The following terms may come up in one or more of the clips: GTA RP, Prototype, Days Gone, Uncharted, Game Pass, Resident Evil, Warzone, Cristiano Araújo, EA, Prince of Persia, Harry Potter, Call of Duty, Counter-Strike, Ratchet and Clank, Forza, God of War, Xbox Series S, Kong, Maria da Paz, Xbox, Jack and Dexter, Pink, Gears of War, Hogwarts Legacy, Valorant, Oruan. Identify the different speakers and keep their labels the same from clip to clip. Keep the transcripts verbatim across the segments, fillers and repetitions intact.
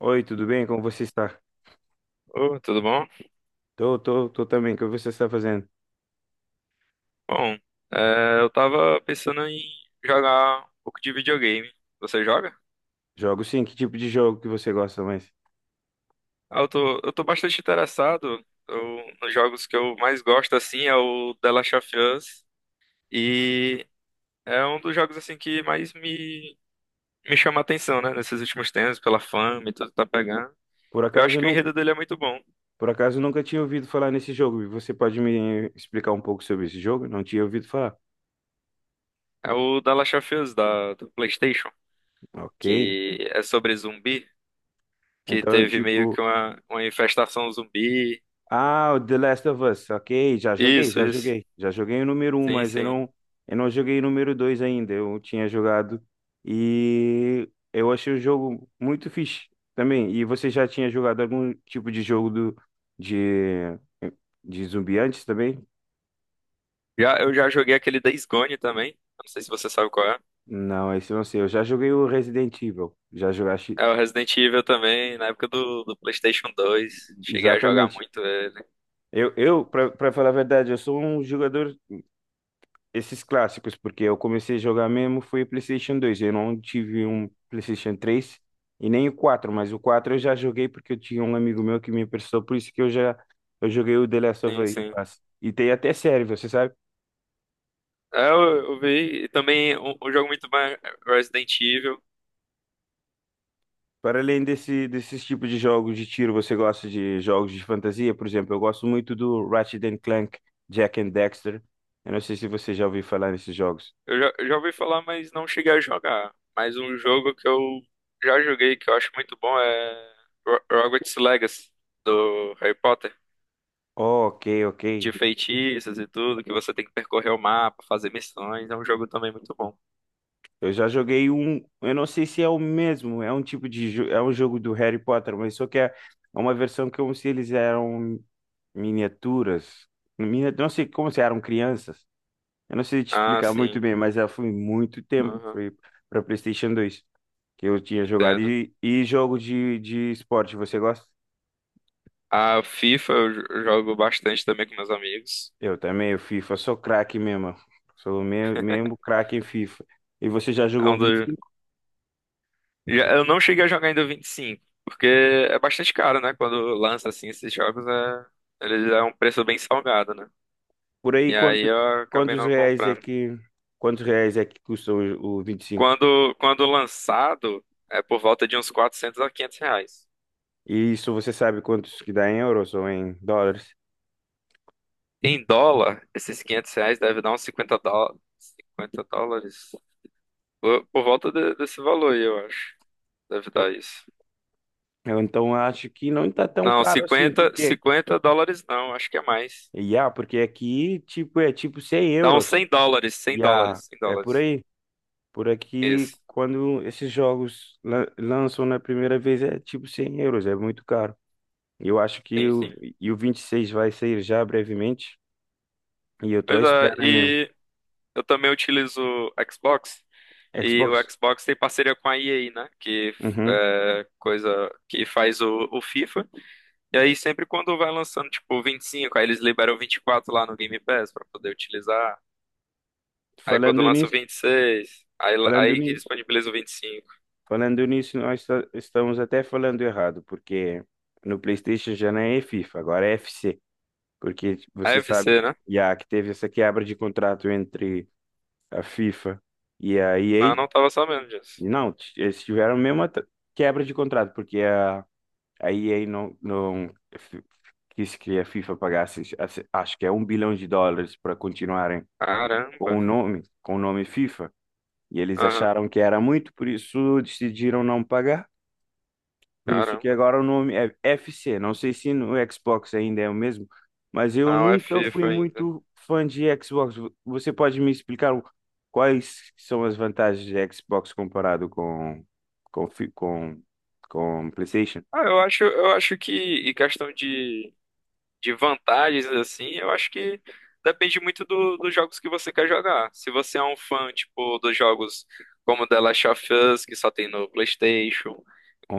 Speaker 1: Oi, tudo bem? Como você está?
Speaker 2: Ô, tudo bom?
Speaker 1: Tô, tô, tô também. O que você está fazendo?
Speaker 2: Bom, é, eu tava pensando em jogar um pouco de videogame. Você joga?
Speaker 1: Jogo sim. Que tipo de jogo que você gosta mais?
Speaker 2: Ah, eu tô, eu tô bastante interessado. Eu, nos jogos que eu mais gosto, assim, é o The Last of Us. E é um dos jogos, assim, que mais me, me chama a atenção, né? Nesses últimos tempos, pela fama e tudo que tá pegando.
Speaker 1: Por
Speaker 2: Eu
Speaker 1: acaso
Speaker 2: acho
Speaker 1: eu
Speaker 2: que o
Speaker 1: nunca,
Speaker 2: enredo dele é muito bom.
Speaker 1: por acaso eu nunca tinha ouvido falar nesse jogo. Você pode me explicar um pouco sobre esse jogo? Não tinha ouvido falar.
Speaker 2: É o The Last of Us, da, do PlayStation,
Speaker 1: Ok.
Speaker 2: que é sobre zumbi, que
Speaker 1: Então,
Speaker 2: teve meio
Speaker 1: tipo,
Speaker 2: que uma, uma infestação zumbi.
Speaker 1: ah, o The Last of Us, ok, já joguei,
Speaker 2: Isso,
Speaker 1: já
Speaker 2: isso.
Speaker 1: joguei. Já joguei o número um,
Speaker 2: Sim,
Speaker 1: mas eu
Speaker 2: sim.
Speaker 1: não, eu não joguei o número dois ainda. Eu tinha jogado e eu achei o jogo muito fixe também. E você já tinha jogado algum tipo de jogo do, de, de zumbi antes também?
Speaker 2: Já, eu já joguei aquele Days Gone também. Não sei se você sabe qual é.
Speaker 1: Não, esse eu não sei. Eu já joguei o Resident Evil. Já jogaste
Speaker 2: É o Resident Evil também, na época do, do PlayStation dois. Cheguei a jogar
Speaker 1: Exatamente.
Speaker 2: muito ele.
Speaker 1: Eu, eu para falar a verdade, eu sou um jogador esses clássicos, porque eu comecei a jogar mesmo foi o PlayStation dois. Eu não tive um PlayStation três e nem o quatro, mas o quatro eu já joguei porque eu tinha um amigo meu que me emprestou, por isso que eu já eu joguei o The Last of
Speaker 2: Sim, sim.
Speaker 1: Us. E tem até série, você sabe?
Speaker 2: É, eu, eu vi. E também um, um jogo muito mais Resident Evil.
Speaker 1: Para além desse, desses tipos de jogos de tiro, você gosta de jogos de fantasia? Por exemplo, eu gosto muito do Ratchet and Clank, Jack and Dexter. Eu não sei se você já ouviu falar nesses jogos.
Speaker 2: Eu já, eu já ouvi falar, mas não cheguei a jogar. Mas um jogo que eu já joguei, que eu acho muito bom, é Ro- Hogwarts Legacy, do Harry Potter.
Speaker 1: Oh, ok, ok.
Speaker 2: De feitiços e tudo, que você tem que percorrer o mapa, fazer missões. É um jogo também muito bom.
Speaker 1: Eu já joguei um, eu não sei se é o mesmo, é um tipo de, jo- é um jogo do Harry Potter, mas só que é uma versão como se eles eram miniaturas, Minia- não sei, como se eram crianças. Eu não sei te
Speaker 2: Ah,
Speaker 1: explicar muito
Speaker 2: sim.
Speaker 1: bem, mas já foi muito tempo,
Speaker 2: Aham,
Speaker 1: foi para PlayStation dois que eu tinha jogado.
Speaker 2: entendo.
Speaker 1: E, e jogo de, de esporte, você gosta?
Speaker 2: A FIFA eu jo- eu jogo bastante também com meus amigos.
Speaker 1: Eu também, o FIFA, sou craque mesmo, sou me- mesmo craque em FIFA. E você já
Speaker 2: É
Speaker 1: jogou
Speaker 2: um
Speaker 1: vinte?
Speaker 2: dos... já- Eu não cheguei a jogar ainda o vinte e cinco, porque é bastante caro, né? Quando lança assim esses jogos, é... ele é um preço bem salgado, né?
Speaker 1: Por aí,
Speaker 2: E aí
Speaker 1: quanto,
Speaker 2: eu acabei
Speaker 1: quantos
Speaker 2: não
Speaker 1: reais é
Speaker 2: comprando.
Speaker 1: que, quantos reais é que custam o, o vinte e cinco?
Speaker 2: Quando, quando lançado, é por volta de uns quatrocentos a quinhentos reais.
Speaker 1: E cinco? E isso você sabe quantos que dá em euros ou em dólares?
Speaker 2: Em dólar, esses quinhentos reais deve dar uns cinquenta dó... cinquenta dólares. Por, por volta de- desse valor aí, eu acho. Deve
Speaker 1: Eu,
Speaker 2: dar isso.
Speaker 1: eu então acho que não está tão
Speaker 2: Não,
Speaker 1: caro assim,
Speaker 2: cinquenta,
Speaker 1: porque,
Speaker 2: cinquenta dólares não, acho que é mais.
Speaker 1: yeah, porque aqui, tipo, é tipo cem
Speaker 2: Dá uns
Speaker 1: euros.
Speaker 2: cem dólares, cem
Speaker 1: Yeah,
Speaker 2: dólares, cem
Speaker 1: é por
Speaker 2: dólares.
Speaker 1: aí. Por aqui,
Speaker 2: Isso,
Speaker 1: quando esses jogos lan- lançam na primeira vez, é tipo cem euros, é muito caro. Eu acho que
Speaker 2: sim,
Speaker 1: o,
Speaker 2: sim.
Speaker 1: e o vinte e seis vai sair já brevemente, e eu tô à
Speaker 2: Pois é,
Speaker 1: espera mesmo.
Speaker 2: e eu também utilizo o Xbox, e o
Speaker 1: Xbox?
Speaker 2: Xbox tem parceria com a E A, né? Que
Speaker 1: Uhum.
Speaker 2: é coisa que faz o, o FIFA. E aí sempre quando vai lançando, tipo, vinte e cinco, aí eles liberam vinte e quatro lá no Game Pass pra poder utilizar. Aí quando
Speaker 1: Falando
Speaker 2: lança o
Speaker 1: nisso,
Speaker 2: vinte e seis, aí,
Speaker 1: falando
Speaker 2: aí que
Speaker 1: nisso,
Speaker 2: disponibiliza o vinte e cinco.
Speaker 1: falando nisso, nós esta- estamos até falando errado, porque no PlayStation já não é FIFA, agora é F C, porque
Speaker 2: É
Speaker 1: você sabe,
Speaker 2: F C, né?
Speaker 1: já que teve essa quebra de contrato entre a FIFA e a
Speaker 2: Ah,
Speaker 1: E A.
Speaker 2: não tava sabendo disso.
Speaker 1: Não, t- eles tiveram a mesma t- quebra de contrato, porque a, a E A não, não f- quis que a FIFA pagasse, acho que é um bilhão de dólares para continuarem
Speaker 2: Caramba.
Speaker 1: com o nome, com o nome FIFA. E eles acharam que era muito, por isso decidiram não pagar. Por isso que
Speaker 2: Caramba,
Speaker 1: agora o nome é F C. Não sei se no Xbox ainda é o mesmo, mas eu
Speaker 2: não é
Speaker 1: nunca fui
Speaker 2: FIFA ainda.
Speaker 1: muito fã de Xbox. Vo- Você pode me explicar o- quais são as vantagens de Xbox comparado com com fi- com, com PlayStation?
Speaker 2: Ah, eu acho, eu acho que, em questão de, de vantagens, assim, eu acho que depende muito do, dos jogos que você quer jogar. Se você é um fã, tipo, dos jogos como The Last of Us, que só tem no PlayStation,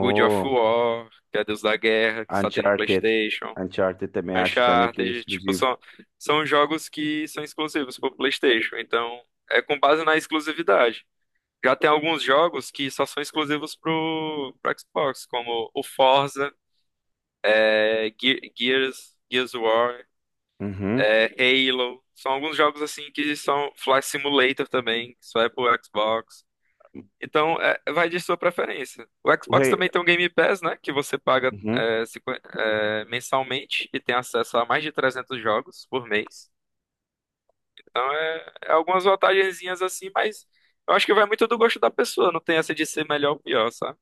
Speaker 2: God of War, que é Deus da Guerra, que só tem no
Speaker 1: Uncharted.
Speaker 2: PlayStation,
Speaker 1: Uncharted também, acho também que é
Speaker 2: Uncharted, tipo,
Speaker 1: exclusivo.
Speaker 2: são, são jogos que são exclusivos pro PlayStation. Então, é com base na exclusividade. Já tem alguns jogos que só são exclusivos pro, pro Xbox, como o Forza, é, Ge- Gears, Gears of War,
Speaker 1: Uhum.
Speaker 2: é, Halo. São alguns jogos assim que são Flight Simulator também, que só é pro Xbox. Então, é, vai de sua preferência. O
Speaker 1: O
Speaker 2: Xbox
Speaker 1: rei,
Speaker 2: também tem o Game Pass, né? Que você paga
Speaker 1: uhum.
Speaker 2: é, cinquenta é, mensalmente e tem acesso a mais de trezentos jogos por mês. Então, é, é algumas vantagenzinhas assim, mas eu acho que vai muito do gosto da pessoa. Não tem essa de ser melhor ou pior, sabe?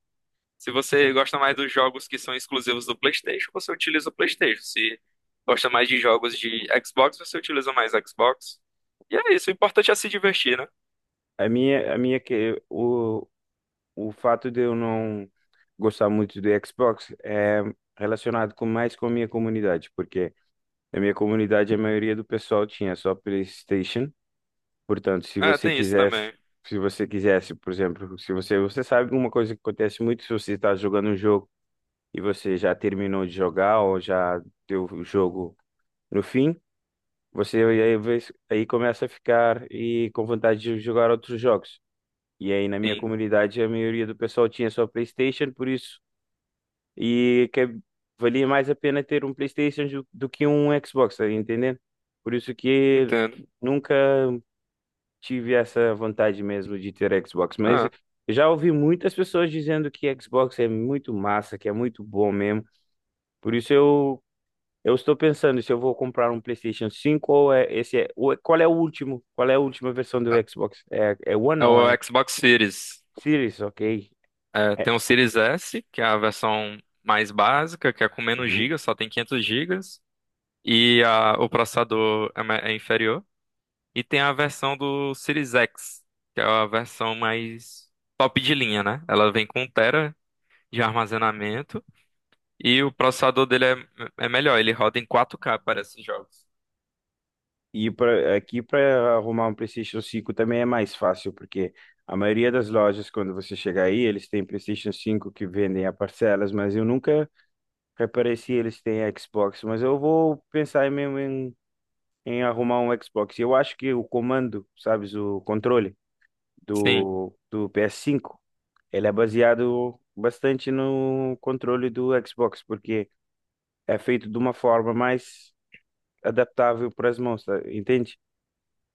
Speaker 2: Se você gosta mais dos jogos que são exclusivos do PlayStation, você utiliza o PlayStation. Se gosta mais de jogos de Xbox, você utiliza mais Xbox. E é isso, o importante é se divertir, né?
Speaker 1: A minha, a minha que o o fato de eu não gostar muito do Xbox é relacionado com mais com a minha comunidade, porque na minha comunidade a maioria do pessoal tinha só PlayStation. Portanto, se
Speaker 2: Ah,
Speaker 1: você
Speaker 2: tem isso
Speaker 1: quisesse,
Speaker 2: também.
Speaker 1: se você quisesse, por exemplo, se você, você sabe, uma coisa que acontece muito se você está jogando um jogo e você já terminou de jogar ou já deu o jogo no fim, você aí, aí começa a ficar e com vontade de jogar outros jogos. E aí, na minha
Speaker 2: Sim,
Speaker 1: comunidade, a maioria do pessoal tinha só PlayStation, por isso e que valia mais a pena ter um PlayStation do, do que um Xbox, tá entendendo? Por isso que
Speaker 2: entendo.
Speaker 1: nunca tive essa vontade mesmo de ter Xbox, mas
Speaker 2: Ah,
Speaker 1: eu já ouvi muitas pessoas dizendo que Xbox é muito massa, que é muito bom mesmo. Por isso eu eu estou pensando se eu vou comprar um PlayStation cinco ou é esse é, o- qual é o último? Qual é a última versão do Xbox? É, é One
Speaker 2: é
Speaker 1: ou
Speaker 2: o
Speaker 1: é
Speaker 2: Xbox Series.
Speaker 1: Series, ok?
Speaker 2: É,
Speaker 1: É.
Speaker 2: tem o Series S, que é a versão mais básica, que é com menos
Speaker 1: Hum.
Speaker 2: gigas, só tem quinhentos gigas. E a- o processador é, ma- é inferior. E tem a versão do Series X, que é a versão mais top de linha, né? Ela vem com um tera de armazenamento e o processador dele é, é melhor, ele roda em quatro K para esses jogos.
Speaker 1: E pra, aqui para arrumar um PlayStation cinco também é mais fácil, porque a maioria das lojas, quando você chegar aí, eles têm PlayStation cinco que vendem a parcelas, mas eu nunca reparei se eles têm Xbox. Mas eu vou pensar mesmo em, em arrumar um Xbox. Eu acho que o comando, sabes, o controle
Speaker 2: Sim.
Speaker 1: do, do ps cinco ele é baseado bastante no controle do Xbox, porque é feito de uma forma mais adaptável para as mãos, tá? Entende?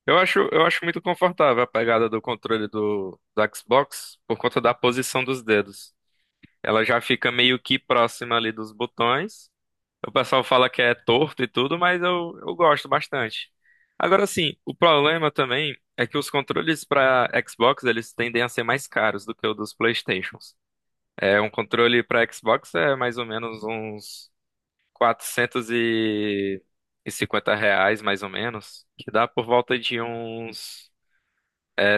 Speaker 2: Eu acho, eu acho muito confortável a pegada do controle do, do Xbox por conta da posição dos dedos. Ela já fica meio que próxima ali dos botões. O pessoal fala que é torto e tudo, mas eu, eu gosto bastante. Agora sim, o problema também é que os controles para Xbox eles tendem a ser mais caros do que o dos PlayStations. É, um controle para Xbox é mais ou menos uns quatrocentos e cinquenta reais, mais ou menos, que dá por volta de uns é,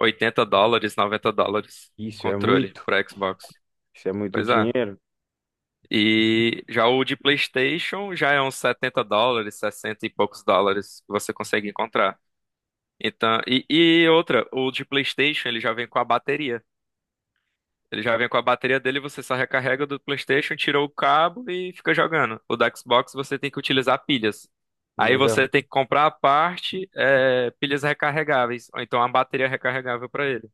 Speaker 2: oitenta dólares, noventa dólares,
Speaker 1: Isso é
Speaker 2: controle
Speaker 1: muito,
Speaker 2: para Xbox.
Speaker 1: isso é muito
Speaker 2: Pois é.
Speaker 1: dinheiro.
Speaker 2: E já o de PlayStation já é uns setenta dólares, sessenta e poucos dólares que você consegue encontrar. Então, e, e outra, o de PlayStation ele já vem com a bateria. Ele já vem com a bateria dele, você só recarrega do PlayStation, tira o cabo e fica jogando. O da Xbox você tem que utilizar pilhas. Aí
Speaker 1: Legal.
Speaker 2: você tem que comprar a parte, é, pilhas recarregáveis, ou então a bateria recarregável para ele.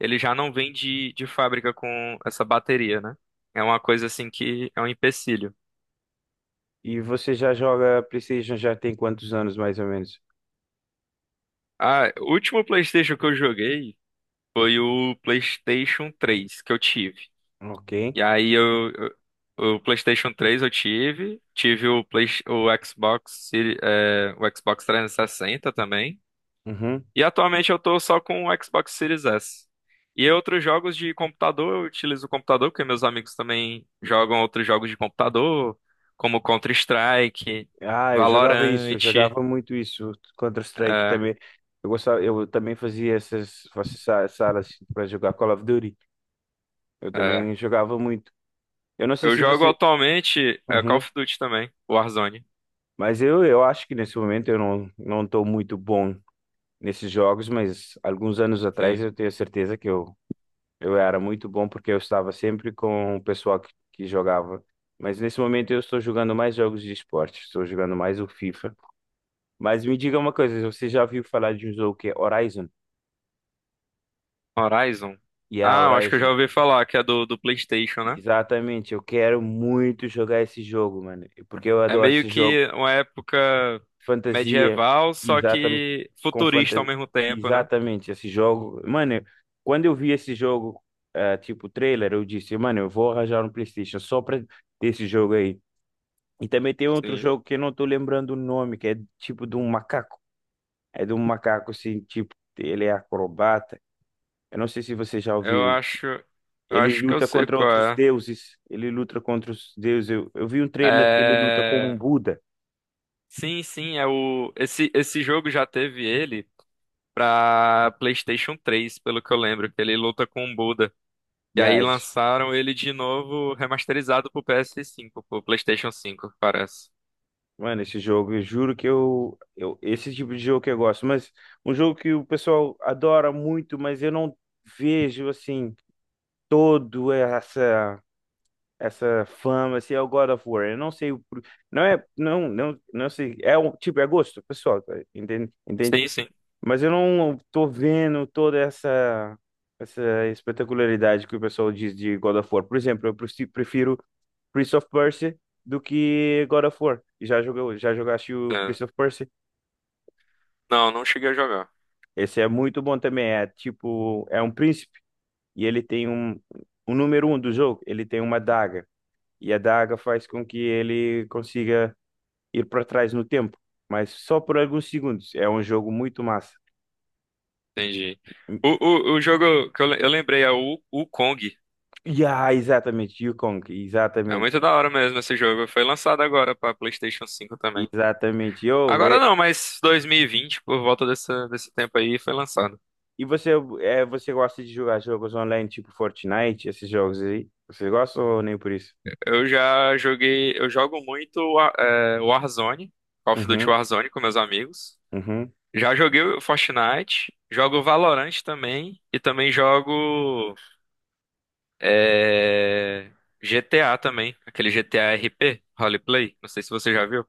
Speaker 2: Ele já não vem de, de fábrica com essa bateria, né? É uma coisa assim que é um empecilho.
Speaker 1: E você já joga PlayStation já tem quantos anos, mais ou menos?
Speaker 2: Ah, o último PlayStation que eu joguei foi o PlayStation três que eu tive.
Speaker 1: Ok.
Speaker 2: E aí eu, eu- o PlayStation três eu tive, tive o, Play, o Xbox, Seri- é, o Xbox trezentos e sessenta também.
Speaker 1: Uhum.
Speaker 2: E atualmente eu tô só com o Xbox Series S. E outros jogos de computador, eu utilizo o computador porque meus amigos também jogam outros jogos de computador, como Counter-Strike,
Speaker 1: Ah, eu jogava isso, eu
Speaker 2: Valorant.
Speaker 1: jogava muito isso, Counter-Strike
Speaker 2: É,
Speaker 1: também. Eu gostava, eu também fazia essas, essas sa- salas para jogar Call of Duty. Eu também
Speaker 2: é.
Speaker 1: jogava muito. Eu não sei
Speaker 2: Eu
Speaker 1: se
Speaker 2: jogo
Speaker 1: você.
Speaker 2: atualmente é, Call
Speaker 1: Uhum.
Speaker 2: of Duty também, Warzone.
Speaker 1: Mas eu, eu acho que nesse momento eu não, não estou muito bom nesses jogos, mas alguns anos atrás
Speaker 2: Sim.
Speaker 1: eu tenho certeza que eu Eu era muito bom porque eu estava sempre com o pessoal que, que jogava. Mas nesse momento eu estou jogando mais jogos de esporte, estou jogando mais o FIFA. Mas me diga uma coisa, você já ouviu falar de um jogo que é Horizon?
Speaker 2: Horizon.
Speaker 1: Yeah,
Speaker 2: Ah, eu acho que eu já
Speaker 1: Horizon.
Speaker 2: ouvi falar que é do, do PlayStation, né?
Speaker 1: Exatamente, eu quero muito jogar esse jogo, mano, porque eu
Speaker 2: É
Speaker 1: adoro
Speaker 2: meio
Speaker 1: esse jogo.
Speaker 2: que uma época
Speaker 1: Fantasia,
Speaker 2: medieval, só
Speaker 1: exatamente,
Speaker 2: que
Speaker 1: com
Speaker 2: futurista ao
Speaker 1: fantasia,
Speaker 2: mesmo tempo, né?
Speaker 1: exatamente esse jogo. Mano, quando eu vi esse jogo, ah, tipo trailer, eu disse, mano, eu vou arranjar um PlayStation só para esse jogo aí. E também tem outro
Speaker 2: Sim.
Speaker 1: jogo que eu não tô lembrando o nome, que é tipo de um macaco. É de um macaco assim, tipo, ele é acrobata. Eu não sei se você já
Speaker 2: Eu
Speaker 1: ouviu.
Speaker 2: acho, eu
Speaker 1: Ele
Speaker 2: acho que eu
Speaker 1: luta
Speaker 2: sei
Speaker 1: contra
Speaker 2: qual
Speaker 1: outros
Speaker 2: é.
Speaker 1: deuses. Ele luta contra os deuses. Eu, eu vi um trailer que ele luta com um
Speaker 2: É,
Speaker 1: Buda.
Speaker 2: sim, sim, é o esse esse jogo já teve ele pra PlayStation três, pelo que eu lembro, que ele luta com o Buda. E
Speaker 1: E
Speaker 2: aí
Speaker 1: as,
Speaker 2: lançaram ele de novo remasterizado pro P S cinco, pro PlayStation cinco, parece.
Speaker 1: mano, esse jogo, eu juro que eu, eu. Esse tipo de jogo que eu gosto. Mas um jogo que o pessoal adora muito, mas eu não vejo assim, todo essa. essa fama, se é o God of War. Eu não sei o. por- Não é. Não, não, não sei. É um tipo, é gosto pessoal, tá? Entende? Entende?
Speaker 2: Sim, sim.
Speaker 1: Mas eu não tô vendo toda essa, essa espetacularidade que o pessoal diz de God of War. Por exemplo, eu preci- prefiro Prince of Persia do que God of War. Já jogou, já jogaste o Prince
Speaker 2: É.
Speaker 1: of Persia?
Speaker 2: Não, não cheguei a jogar.
Speaker 1: Esse é muito bom também. É tipo, é um príncipe e ele tem um, o número um do jogo. Ele tem uma daga e a daga faz com que ele consiga ir para trás no tempo, mas só por alguns segundos. É um jogo muito massa.
Speaker 2: Entendi. O, o, o jogo que eu, le- eu lembrei é o, o Kong.
Speaker 1: Yeah, exatamente, Yukong,
Speaker 2: É muito
Speaker 1: exatamente,
Speaker 2: da hora mesmo esse jogo. Foi lançado agora pra PlayStation cinco também.
Speaker 1: exatamente. Oh,
Speaker 2: Agora
Speaker 1: é-
Speaker 2: não, mas dois mil e vinte por volta dessa, desse tempo aí, foi lançado.
Speaker 1: e você, é, você gosta de jogar jogos online tipo Fortnite, esses jogos aí? Você gosta ou nem por isso?
Speaker 2: Eu já joguei, eu jogo muito Wa- é, Warzone, Call of Duty
Speaker 1: Uhum,
Speaker 2: Warzone com meus amigos.
Speaker 1: uhum.
Speaker 2: Já joguei o Fortnite, jogo Valorant também e também jogo é, G T A também, aquele G T A R P, Roleplay. Não sei se você já viu.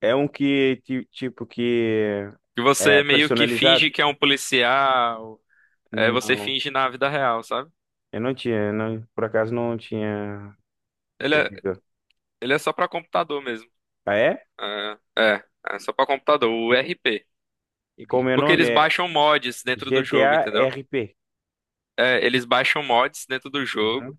Speaker 1: É um que, ti- tipo, que
Speaker 2: Que
Speaker 1: é
Speaker 2: você meio que
Speaker 1: personalizado?
Speaker 2: finge que é um policial, é, você
Speaker 1: Não,
Speaker 2: finge na vida real, sabe?
Speaker 1: eu não tinha, não, por acaso não tinha
Speaker 2: Ele é,
Speaker 1: ouvido.
Speaker 2: ele é só pra computador mesmo.
Speaker 1: Ah, é?
Speaker 2: É, é, é só pra computador, o R P.
Speaker 1: E como é o
Speaker 2: Porque
Speaker 1: nome?
Speaker 2: eles
Speaker 1: É
Speaker 2: baixam mods dentro do jogo,
Speaker 1: G T A
Speaker 2: entendeu?
Speaker 1: R P.
Speaker 2: É, eles baixam mods dentro do jogo,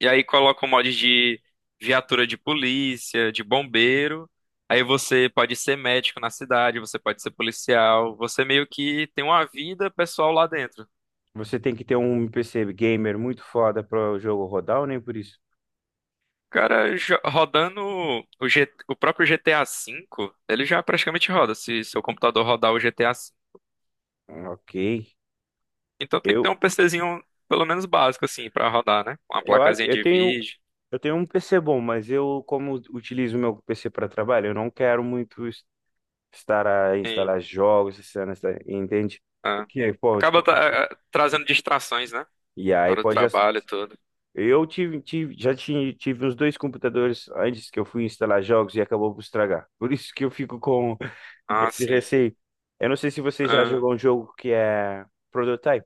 Speaker 2: e aí colocam mods de viatura de polícia, de bombeiro. Aí você pode ser médico na cidade, você pode ser policial, você meio que tem uma vida pessoal lá dentro.
Speaker 1: Você tem que ter um P C gamer muito foda para o jogo rodar ou nem por isso?
Speaker 2: Cara, jo- rodando o, G- o próprio G T A V, ele já praticamente roda, se seu computador rodar o G T A V.
Speaker 1: Ok.
Speaker 2: Então tem que ter
Speaker 1: Eu,
Speaker 2: um PCzinho, pelo menos básico, assim, pra rodar, né? Uma
Speaker 1: eu, a-
Speaker 2: placazinha
Speaker 1: eu
Speaker 2: de
Speaker 1: tenho,
Speaker 2: vídeo.
Speaker 1: eu tenho um P C bom, mas eu, como utilizo meu P C para trabalho, eu não quero muito es- estar a
Speaker 2: Sim,
Speaker 1: instalar jogos, essas cenas, tá? Entende?
Speaker 2: é.
Speaker 1: Porque, pô, de
Speaker 2: Acaba
Speaker 1: qualquer.
Speaker 2: tra- eh, trazendo distrações, né?
Speaker 1: E
Speaker 2: Na
Speaker 1: aí
Speaker 2: hora do
Speaker 1: pode. as-
Speaker 2: trabalho e tudo.
Speaker 1: Eu tive, tive, já tive tive uns dois computadores antes que eu fui instalar jogos e acabou por estragar. Por isso que eu fico com
Speaker 2: Ah,
Speaker 1: esse
Speaker 2: sim.
Speaker 1: receio. Eu não sei se você já
Speaker 2: Ah,
Speaker 1: jogou um jogo que é Prototype.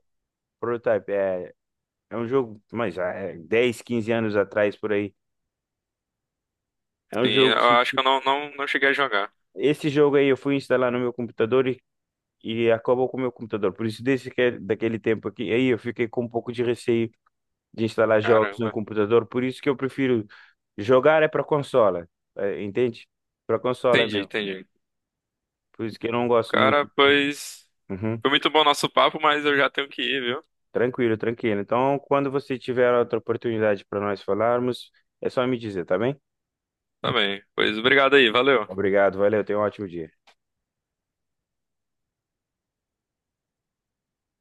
Speaker 1: Prototype, é, é um jogo, mas já é dez, quinze anos atrás por aí. É um
Speaker 2: sim,
Speaker 1: jogo.
Speaker 2: eu
Speaker 1: se-
Speaker 2: acho que eu não, não, não cheguei a jogar.
Speaker 1: Esse jogo aí eu fui instalar no meu computador e, e acabou com o meu computador. Por isso, desde que, daquele tempo aqui, aí eu fiquei com um pouco de receio de instalar jogos no
Speaker 2: Caramba.
Speaker 1: computador. Por isso que eu prefiro jogar é para consola, é, entende? Para consola
Speaker 2: Entendi,
Speaker 1: mesmo.
Speaker 2: entendi.
Speaker 1: Por isso que eu não gosto
Speaker 2: Cara,
Speaker 1: muito. de-
Speaker 2: pois.
Speaker 1: Uhum.
Speaker 2: Foi muito bom nosso papo, mas eu já tenho que ir, viu?
Speaker 1: Tranquilo, tranquilo. Então, quando você tiver outra oportunidade para nós falarmos, é só me dizer, tá bem?
Speaker 2: Tá bem. Pois obrigado aí, valeu.
Speaker 1: Obrigado, valeu, tenha um ótimo dia.